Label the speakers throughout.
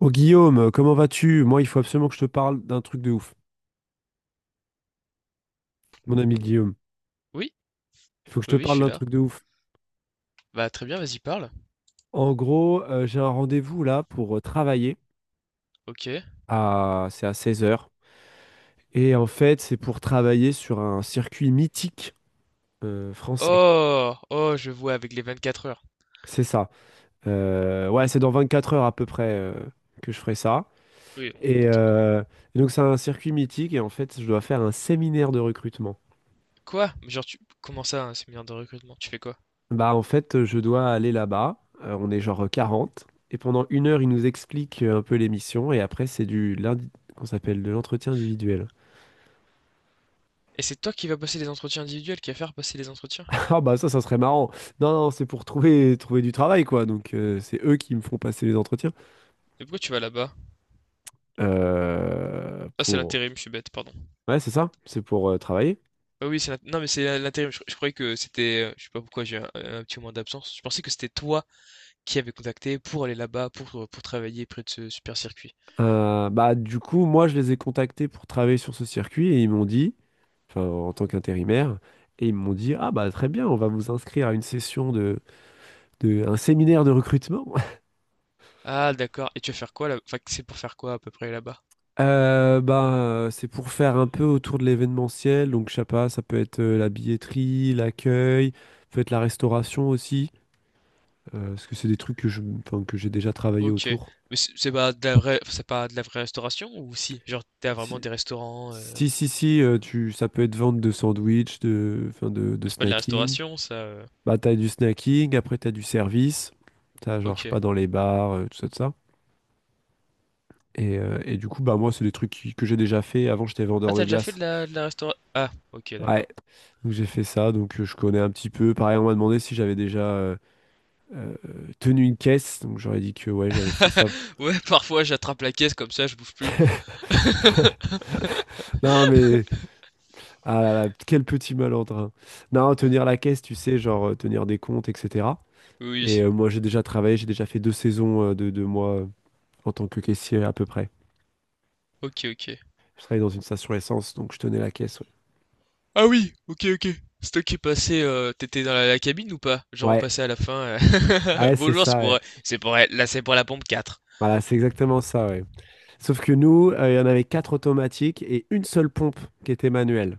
Speaker 1: Oh Guillaume, comment vas-tu? Moi, il faut absolument que je te parle d'un truc de ouf, mon ami Guillaume.
Speaker 2: Oui,
Speaker 1: Il faut que je
Speaker 2: oui,
Speaker 1: te
Speaker 2: oui, je
Speaker 1: parle
Speaker 2: suis
Speaker 1: d'un
Speaker 2: là.
Speaker 1: truc de ouf.
Speaker 2: Bah très bien, vas-y, parle.
Speaker 1: En gros, j'ai un rendez-vous là pour travailler
Speaker 2: Ok.
Speaker 1: à c'est à 16 heures. Et en fait, c'est pour travailler sur un circuit mythique français.
Speaker 2: Oh, oh, je vois avec les 24 heures.
Speaker 1: C'est ça. Ouais, c'est dans 24 heures à peu près que je ferai ça.
Speaker 2: Oui, bon,
Speaker 1: Et,
Speaker 2: n'importe quoi.
Speaker 1: euh, et donc, c'est un circuit mythique et en fait, je dois faire un séminaire de recrutement.
Speaker 2: Quoi? Mais genre, comment ça, un séminaire de recrutement? Tu fais quoi?
Speaker 1: Bah en fait, je dois aller là-bas. On est genre 40. Et pendant une heure, ils nous expliquent un peu l'émission. Et après, c'est du lundi qu'on s'appelle de l'entretien individuel.
Speaker 2: Et c'est toi qui vas passer les entretiens individuels, qui va faire passer les entretiens?
Speaker 1: Ah bah ça, ça serait marrant. Non, non, c'est pour trouver du travail, quoi. Donc c'est eux qui me font passer les entretiens.
Speaker 2: Mais pourquoi tu vas là-bas? Ah, c'est
Speaker 1: Pour.
Speaker 2: l'intérim, je suis bête, pardon.
Speaker 1: Ouais, c'est ça. C'est pour travailler.
Speaker 2: Ah oui, non, mais c'est l'intérim. Je croyais que c'était, je sais pas pourquoi j'ai un petit moment d'absence. Je pensais que c'était toi qui avais contacté pour aller là-bas, pour travailler près de ce super circuit.
Speaker 1: Bah du coup, moi, je les ai contactés pour travailler sur ce circuit. Et ils m'ont dit, enfin en tant qu'intérimaire, et ils m'ont dit, ah bah très bien, on va vous inscrire à une session de un séminaire de recrutement.
Speaker 2: Ah, d'accord. Et tu vas faire quoi là? Enfin, c'est pour faire quoi à peu près là-bas?
Speaker 1: Bah, c'est pour faire un peu autour de l'événementiel. Donc, je sais pas, ça peut être la billetterie, l'accueil, peut être la restauration aussi, parce que c'est des trucs enfin, que j'ai déjà travaillé
Speaker 2: Ok.
Speaker 1: autour.
Speaker 2: Mais c'est pas de la vraie, enfin, c'est pas de la vraie restauration ou si? Genre, t'as vraiment
Speaker 1: Si,
Speaker 2: des restaurants.
Speaker 1: si, si, si, ça peut être vente de sandwich, enfin, de
Speaker 2: C'est pas de la
Speaker 1: snacking.
Speaker 2: restauration, ça.
Speaker 1: Bah, t'as du snacking, après t'as du service. T'as genre, je sais pas,
Speaker 2: Ok.
Speaker 1: dans les bars, tout ça, tout ça. Et du coup, bah, moi, c'est des trucs que j'ai déjà fait. Avant, j'étais
Speaker 2: Ah,
Speaker 1: vendeur de
Speaker 2: t'as déjà fait
Speaker 1: glace.
Speaker 2: de la restauration? Ah, ok,
Speaker 1: Ouais.
Speaker 2: d'accord.
Speaker 1: Donc j'ai fait ça, donc je connais un petit peu. Pareil, on m'a demandé si j'avais déjà euh, tenu une caisse, donc j'aurais dit que ouais, j'avais fait ça.
Speaker 2: Ouais, parfois j'attrape la caisse comme ça je bouffe plus.
Speaker 1: Non mais, ah là là, quel petit malordre, hein. Non, tenir la caisse, tu sais, genre tenir des comptes, etc.
Speaker 2: Oui.
Speaker 1: Et
Speaker 2: Oui.
Speaker 1: moi j'ai déjà travaillé, j'ai déjà fait 2 saisons de moi en tant que caissier à peu près.
Speaker 2: Ok, ok.
Speaker 1: Je travaillais dans une station essence, donc je tenais la caisse, ouais.
Speaker 2: Ah oui, OK, OK. C'est toi qui est passé, tu dans la cabine ou pas? Genre, on
Speaker 1: Ouais,
Speaker 2: passait à la fin,
Speaker 1: ouais, c'est
Speaker 2: «Bonjour,
Speaker 1: ça, ouais.
Speaker 2: c'est pour la là, c'est pour la pompe quatre.
Speaker 1: Voilà, c'est exactement ça, ouais. Sauf que nous, il y en avait 4 automatiques et une seule pompe qui était manuelle.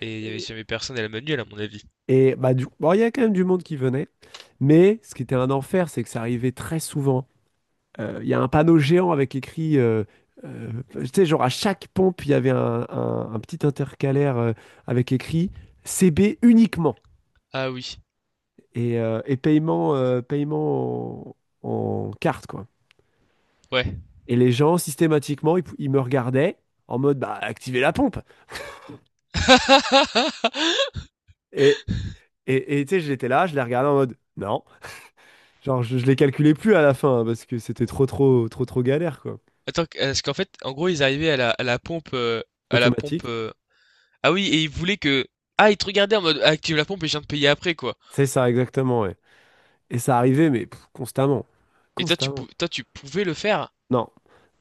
Speaker 2: Et il y avait jamais personne à la manuelle à mon avis.
Speaker 1: Et bah, du bon, il y a quand même du monde qui venait. Mais ce qui était un enfer, c'est que ça arrivait très souvent. Il y a un panneau géant avec écrit, tu sais, genre à chaque pompe, il y avait un petit intercalaire avec écrit CB uniquement.
Speaker 2: Ah oui,
Speaker 1: Et paiement en carte, quoi.
Speaker 2: ouais.
Speaker 1: Et les gens, systématiquement, ils me regardaient en mode, bah, activez la pompe. Et, et, tu sais, j'étais là, je les regardais en mode, non. Genre, je les calculais plus à la fin, hein, parce que c'était trop, trop, trop, trop galère, quoi.
Speaker 2: Attends, q est qu'en fait, en gros, ils arrivaient à la pompe, à la
Speaker 1: Automatique.
Speaker 2: pompe. Ah oui, et ils voulaient que... Ah, ils te regardaient en mode: ah, «Active la pompe et je viens de payer après», quoi.
Speaker 1: C'est ça, exactement, ouais. Et ça arrivait, mais pff, constamment.
Speaker 2: Et toi, tu
Speaker 1: Constamment.
Speaker 2: pou toi tu pouvais le faire?
Speaker 1: Non.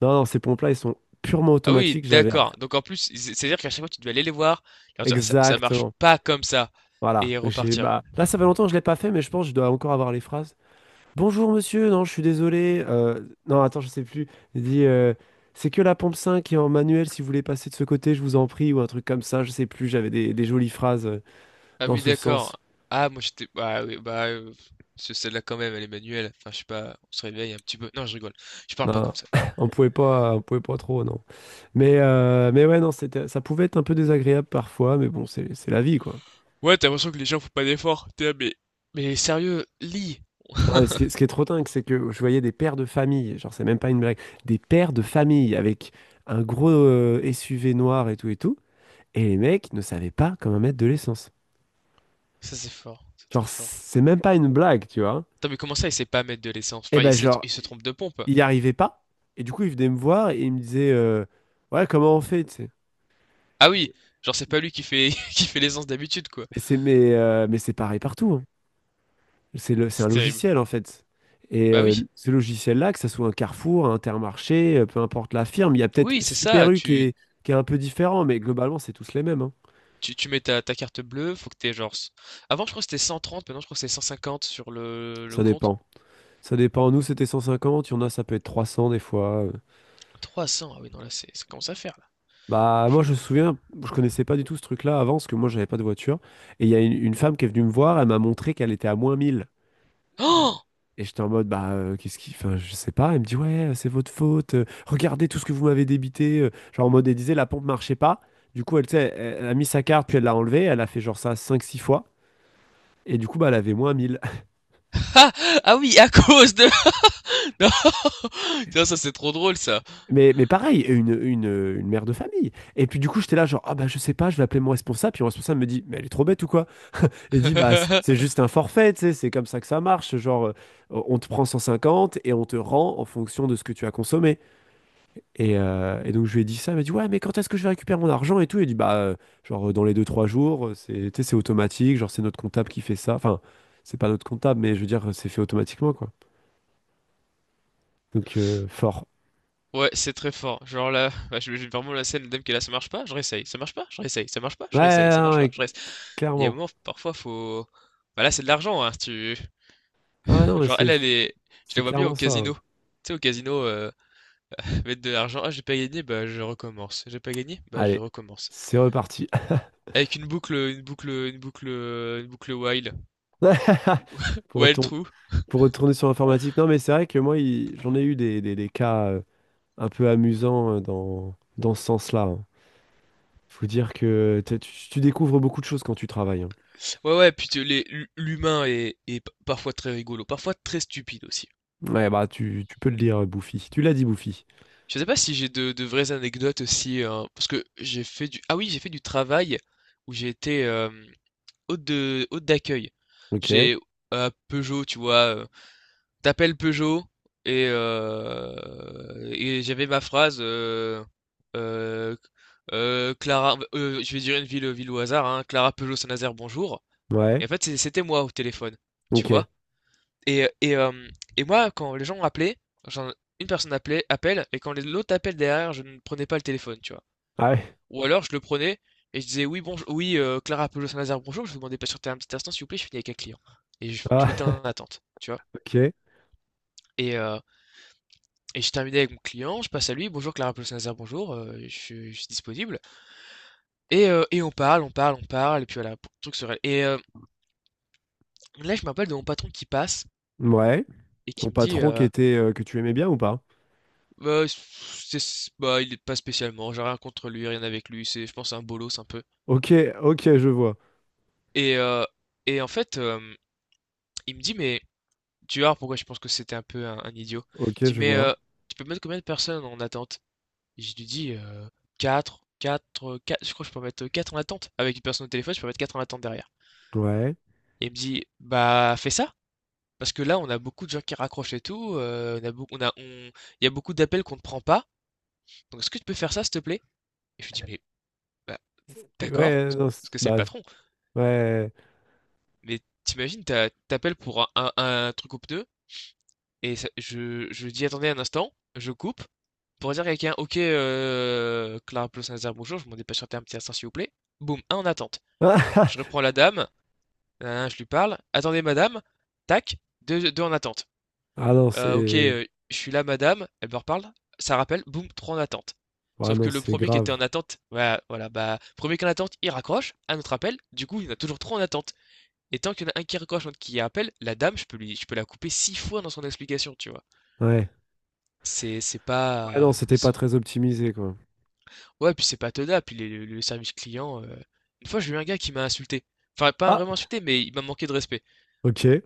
Speaker 1: Non, non, ces pompes-là, ils sont purement
Speaker 2: Ah oui,
Speaker 1: automatiques, j'avais.
Speaker 2: d'accord. Donc en plus, c'est-à-dire qu'à chaque fois, tu devais aller les voir, leur dire, ça marche
Speaker 1: Exactement.
Speaker 2: pas comme ça,
Speaker 1: Voilà.
Speaker 2: et
Speaker 1: J'ai,
Speaker 2: repartir.
Speaker 1: bah, là, ça fait longtemps que je l'ai pas fait, mais je pense que je dois encore avoir les phrases. Bonjour, monsieur. Non, je suis désolé. Non, attends, je sais plus. Il dit, c'est que la pompe 5 qui est en manuel. Si vous voulez passer de ce côté, je vous en prie. Ou un truc comme ça, je sais plus. J'avais des jolies phrases
Speaker 2: Ah
Speaker 1: dans
Speaker 2: oui,
Speaker 1: ce
Speaker 2: d'accord.
Speaker 1: sens.
Speaker 2: Ah, moi j'étais... Ah oui, bah. C'est celle-là quand même, elle est manuelle. Enfin, je sais pas, on se réveille un petit peu. Non, je rigole. Je parle pas
Speaker 1: Non,
Speaker 2: comme ça.
Speaker 1: on pouvait pas trop, non. Mais ouais, non, ça pouvait être un peu désagréable parfois, mais bon, c'est la vie, quoi.
Speaker 2: Ouais, t'as l'impression que les gens font pas d'efforts. T'es là, mais... Mais sérieux, lis!
Speaker 1: Ouais, et est ce qui est trop dingue, c'est que je voyais des pères de famille, genre, c'est même pas une blague, des pères de famille avec un gros SUV noir et tout et tout, et les mecs ne savaient pas comment mettre de l'essence.
Speaker 2: Ça, c'est fort, c'est
Speaker 1: Genre,
Speaker 2: très fort.
Speaker 1: c'est même pas une blague, tu vois.
Speaker 2: Attends, mais comment ça, il sait pas mettre de l'essence?
Speaker 1: Et
Speaker 2: Enfin,
Speaker 1: ben, genre,
Speaker 2: il se trompe de pompe.
Speaker 1: il n'y arrivait pas. Et du coup, il venait me voir et il me disait, ouais, comment on fait, tu sais.
Speaker 2: Ah oui, genre c'est pas lui qui fait qui fait l'essence d'habitude, quoi.
Speaker 1: Mais c'est pareil partout, hein. C'est
Speaker 2: C'est
Speaker 1: un
Speaker 2: terrible.
Speaker 1: logiciel en fait. Et
Speaker 2: Bah oui,
Speaker 1: ce logiciel-là, que ce soit un Carrefour, un Intermarché, peu importe la firme, il y a peut-être
Speaker 2: oui, c'est
Speaker 1: Super
Speaker 2: ça.
Speaker 1: U qui
Speaker 2: Tu,
Speaker 1: est, qui est un peu différent, mais globalement, c'est tous les mêmes, hein.
Speaker 2: tu, tu mets ta carte bleue, faut que t'aies genre. Avant, je crois que c'était 130, maintenant je crois que c'est 150 sur le
Speaker 1: Ça
Speaker 2: compte.
Speaker 1: dépend. Ça dépend. Nous, c'était 150 il y en a, ça peut être 300 des fois.
Speaker 2: 300, ah oui, non, là, c'est, ça commence à faire, là.
Speaker 1: Bah,
Speaker 2: Je...
Speaker 1: moi, je me souviens, je connaissais pas du tout ce truc-là avant, parce que moi, j'avais pas de voiture. Et il y a une femme qui est venue me voir, elle m'a montré qu'elle était à -1 000.
Speaker 2: Oh!
Speaker 1: Et j'étais en mode, bah, qu'est-ce qui enfin, je sais pas. Elle me dit: «Ouais, c'est votre faute, regardez tout ce que vous m'avez débité», genre en mode elle disait la pompe marchait pas. Du coup, elle, tu sais, elle a mis sa carte, puis elle l'a enlevée. Elle a fait genre ça cinq six fois et du coup, bah, elle avait moins 1 000.
Speaker 2: Ah! Ah oui, à cause de... Non! Tiens, ça, c'est trop drôle, ça!
Speaker 1: Mais pareil, une mère de famille et puis du coup, j'étais là genre: «Ah bah, je sais pas, je vais appeler mon responsable», puis mon responsable me dit: «Mais elle est trop bête ou quoi?» Il dit: «Bah, c'est juste un forfait, tu sais, c'est comme ça que ça marche, genre, on te prend 150 et on te rend en fonction de ce que tu as consommé». Et donc je lui ai dit ça, il m'a dit ouais mais quand est-ce que je vais récupérer mon argent et tout, il dit bah genre dans les deux trois jours, c'est tu sais, c'est automatique, genre c'est notre comptable qui fait ça, enfin c'est pas notre comptable mais je veux dire c'est fait automatiquement quoi. Donc fort.
Speaker 2: Ouais, c'est très fort. Genre là, bah, j'imagine vraiment la scène, le dame qui est là, ça marche pas, je réessaye, ça marche pas, je réessaye, ça marche pas,
Speaker 1: Ouais,
Speaker 2: je réessaye,
Speaker 1: ouais,
Speaker 2: ça
Speaker 1: ouais,
Speaker 2: marche pas,
Speaker 1: ouais,
Speaker 2: je réessaye. Il y a un
Speaker 1: clairement.
Speaker 2: moment, parfois faut... Bah là, c'est de l'argent, hein, si tu...
Speaker 1: Ah ouais, non mais
Speaker 2: Genre, elle,
Speaker 1: c'est
Speaker 2: elle est... Je
Speaker 1: c'est
Speaker 2: la vois bien au
Speaker 1: clairement ça.
Speaker 2: casino. Tu sais, au casino, mettre de l'argent. Ah, j'ai pas gagné, bah je recommence. J'ai pas gagné, bah je
Speaker 1: Allez,
Speaker 2: recommence.
Speaker 1: c'est reparti.
Speaker 2: Avec une boucle, une boucle, une boucle, une boucle while.
Speaker 1: Pour
Speaker 2: While
Speaker 1: retour-
Speaker 2: true.
Speaker 1: pour retourner sur l'informatique, non mais c'est vrai que moi j'en ai eu des cas un peu amusants dans ce sens-là, hein. Faut dire que tu découvres beaucoup de choses quand tu travailles, hein.
Speaker 2: Ouais, ouais, puis l'humain est parfois très rigolo, parfois très stupide aussi.
Speaker 1: Ouais, bah tu peux le dire, Bouffy. Tu l'as dit, Bouffy.
Speaker 2: Je sais pas si j'ai de vraies anecdotes aussi, hein, parce que j'ai fait du... Ah oui, j'ai fait du travail où j'ai été hôte d'accueil.
Speaker 1: Ok.
Speaker 2: J'ai à Peugeot, tu vois. T'appelles Peugeot et, euh, et j'avais ma phrase euh, Clara, je vais dire une ville au hasard, hein, Clara Peugeot Saint-Nazaire, bonjour.
Speaker 1: Ouais.
Speaker 2: Et en fait, c'était moi au téléphone, tu vois.
Speaker 1: Ok.
Speaker 2: Et, et, euh, et moi, quand les gens genre, une personne appelait, appelle, et quand l'autre appelle derrière, je ne prenais pas le téléphone, tu vois.
Speaker 1: Ah ouais.
Speaker 2: Ou alors, je le prenais et je disais: oui, bonjour, oui, Clara Peugeot Saint-Nazaire, bonjour, je vous demandais pas sur un petit instant, s'il vous plaît, je finis avec un client. Et je m'étais
Speaker 1: Ah,
Speaker 2: en attente, tu vois.
Speaker 1: ok.
Speaker 2: Et, euh, Et je terminé avec mon client, je passe à lui: bonjour Clara Paul-Saint-Nazaire, bonjour, je suis disponible. Et on parle, on parle, on parle et puis voilà, pour truc se là, je me rappelle de mon patron qui passe
Speaker 1: Ouais.
Speaker 2: et qui
Speaker 1: Ton
Speaker 2: me dit,
Speaker 1: patron qui
Speaker 2: heu:
Speaker 1: était que tu aimais bien ou pas?
Speaker 2: «Bah, c'est s bah, il est pas spécialement, j'ai rien contre lui, rien avec lui, c'est je pense c'est un bolos un peu».
Speaker 1: Ok, ok, je vois.
Speaker 2: Et heu et en fait, il me dit: «Mais», tu vois pourquoi je pense que c'était un peu un idiot.
Speaker 1: Ok,
Speaker 2: Il me
Speaker 1: je
Speaker 2: dit: «Mais,
Speaker 1: vois.
Speaker 2: tu peux mettre combien de personnes en attente?» Et je lui dis: quatre. Je crois que je peux mettre 4 en attente. Avec une personne au téléphone, je peux mettre 4 en attente derrière.
Speaker 1: Ouais.
Speaker 2: Il me dit: «Bah, fais ça, parce que là, on a beaucoup de gens qui raccrochent et tout, on a beaucoup on a on il y a beaucoup d'appels qu'on ne prend pas, donc est-ce que tu peux faire ça, s'il te plaît?» Et je lui dis: «Mais, bah,
Speaker 1: C'est-
Speaker 2: d'accord»,
Speaker 1: Ouais, non,
Speaker 2: parce
Speaker 1: c'est-
Speaker 2: que c'est le
Speaker 1: bah,
Speaker 2: patron,
Speaker 1: ouais.
Speaker 2: mais tu imagines, tu pour un truc aux pneus, et ça je dis: «Attendez un instant», je coupe pour dire à quelqu'un: «OK, Clara Ploss-Nassar, bonjour, je m'en dépêche de un petit instant, s'il vous plaît». Boum, un en attente. Je reprends la dame, na je lui parle: «Attendez madame», tac, deux 2 en attente.
Speaker 1: Ah non,
Speaker 2: OK,
Speaker 1: c'est.
Speaker 2: je suis là madame, elle me reparle, ça rappelle, boum, trois en attente.
Speaker 1: Ah
Speaker 2: Sauf que
Speaker 1: non,
Speaker 2: le
Speaker 1: c'est
Speaker 2: premier qui était
Speaker 1: grave.
Speaker 2: en attente, voilà, voilà, bah, premier qui est en attente, il raccroche, un autre appel, du coup, il y en a toujours 3 en attente, et tant qu'il y en a un qui raccroche, l'autre qui appelle, la dame, je peux la couper 6 fois dans son explication, tu vois?
Speaker 1: Ouais.
Speaker 2: C'est
Speaker 1: Ouais,
Speaker 2: pas
Speaker 1: non, c'était pas
Speaker 2: c'est
Speaker 1: très optimisé, quoi.
Speaker 2: Ouais, puis c'est pas tenable, puis les le service client, une fois, j'ai eu un gars qui m'a insulté, enfin, pas
Speaker 1: Ah,
Speaker 2: vraiment insulté, mais il m'a manqué de respect.
Speaker 1: ok.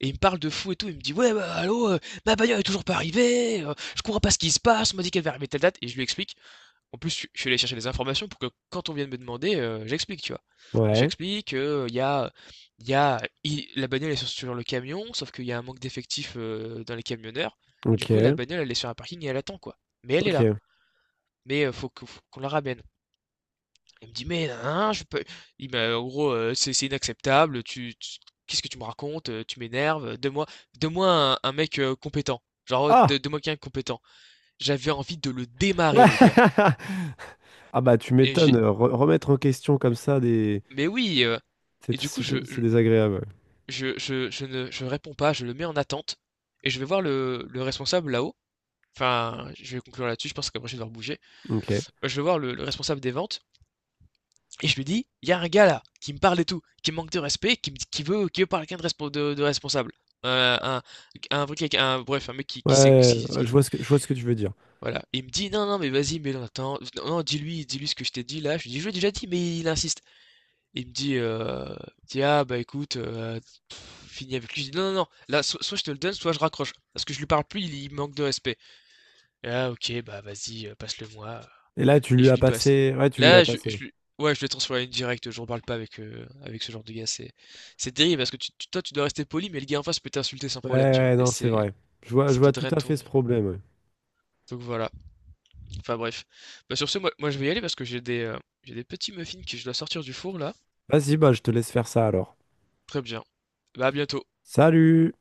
Speaker 2: Et il me parle de fou et tout, il me dit: «Ouais, bah, allô, ma bagnole est toujours pas arrivée, je comprends pas ce qui se passe, on m'a dit qu'elle va arriver telle date», et je lui explique. En plus, je suis allé chercher des informations pour que quand on vient de me demander, j'explique, tu vois? Donc
Speaker 1: Ouais.
Speaker 2: j'explique qu'il y a, il y a, i la bagnole est sur le camion, sauf qu'il y a un manque d'effectifs, dans les camionneurs. Du coup, la
Speaker 1: Ok.
Speaker 2: bagnole, elle est sur un parking et elle attend, quoi. Mais elle est là,
Speaker 1: Ok.
Speaker 2: mais, faut qu'on la ramène. Il me dit: «Mais hein, je peux». Il m'a en gros: «C'est inacceptable, tu qu'est-ce que tu me racontes? Tu m'énerves, donne-moi un mec, compétent, genre,
Speaker 1: Ah!
Speaker 2: donne-moi quelqu'un de compétent». J'avais envie de le démarrer, le gars,
Speaker 1: Ah bah tu
Speaker 2: et
Speaker 1: m'étonnes,
Speaker 2: j'ai...
Speaker 1: remettre en question comme ça.
Speaker 2: mais oui, et
Speaker 1: C'est
Speaker 2: du coup
Speaker 1: c'est désagréable.
Speaker 2: je ne je réponds pas, je le mets en attente et je vais voir le responsable là-haut, enfin, je vais conclure là-dessus, je pense qu'après je vais devoir bouger.
Speaker 1: Ok. Ouais,
Speaker 2: Je vais voir le responsable des ventes. Et je lui dis: il y a un gars là qui me parle et tout, qui me manque de respect, qui veut parler avec quelqu'un de responsable. Euh, un, un truc avec un, bref, un mec qui,
Speaker 1: ouais,
Speaker 2: qui sait ce
Speaker 1: ouais,
Speaker 2: qu'il ce
Speaker 1: ouais,
Speaker 2: qu'il
Speaker 1: je
Speaker 2: dit.
Speaker 1: vois ce que, je vois ce que tu veux dire.
Speaker 2: Voilà. Et il me dit: non, non, mais vas-y, mais non, attends, non, non, dis-lui, dis-lui ce que je t'ai dit là. Je lui dis: je l'ai déjà dit, mais il insiste. Et il me dit, ah, bah, écoute, pff, finis avec lui. Je dis: non, non, non, là, soit je te le donne, soit je raccroche. Parce que je lui parle plus, il manque de respect. Et, ah, ok, bah vas-y, passe-le-moi,
Speaker 1: Et là, tu
Speaker 2: et
Speaker 1: lui
Speaker 2: je
Speaker 1: as
Speaker 2: lui passe.
Speaker 1: passé. Ouais, tu lui as
Speaker 2: Là,
Speaker 1: passé.
Speaker 2: ouais, je vais transformer en une directe, j'en parle pas avec ce genre de gars, c'est terrible, parce que tu, toi tu dois rester poli, mais le gars en face peut t'insulter sans
Speaker 1: Ouais, ouais,
Speaker 2: problème, tu vois.
Speaker 1: ouais,
Speaker 2: Et
Speaker 1: non, c'est
Speaker 2: c'est...
Speaker 1: vrai. Je vois, je
Speaker 2: ça te
Speaker 1: vois tout
Speaker 2: draine,
Speaker 1: à fait
Speaker 2: ton...
Speaker 1: ce problème, ouais.
Speaker 2: donc voilà. Enfin, bref. Bah, sur ce, moi je vais y aller parce que j'ai des petits muffins que je dois sortir du four, là.
Speaker 1: Vas-y, bah, je te laisse faire ça alors.
Speaker 2: Très bien. Bah, à bientôt.
Speaker 1: Salut!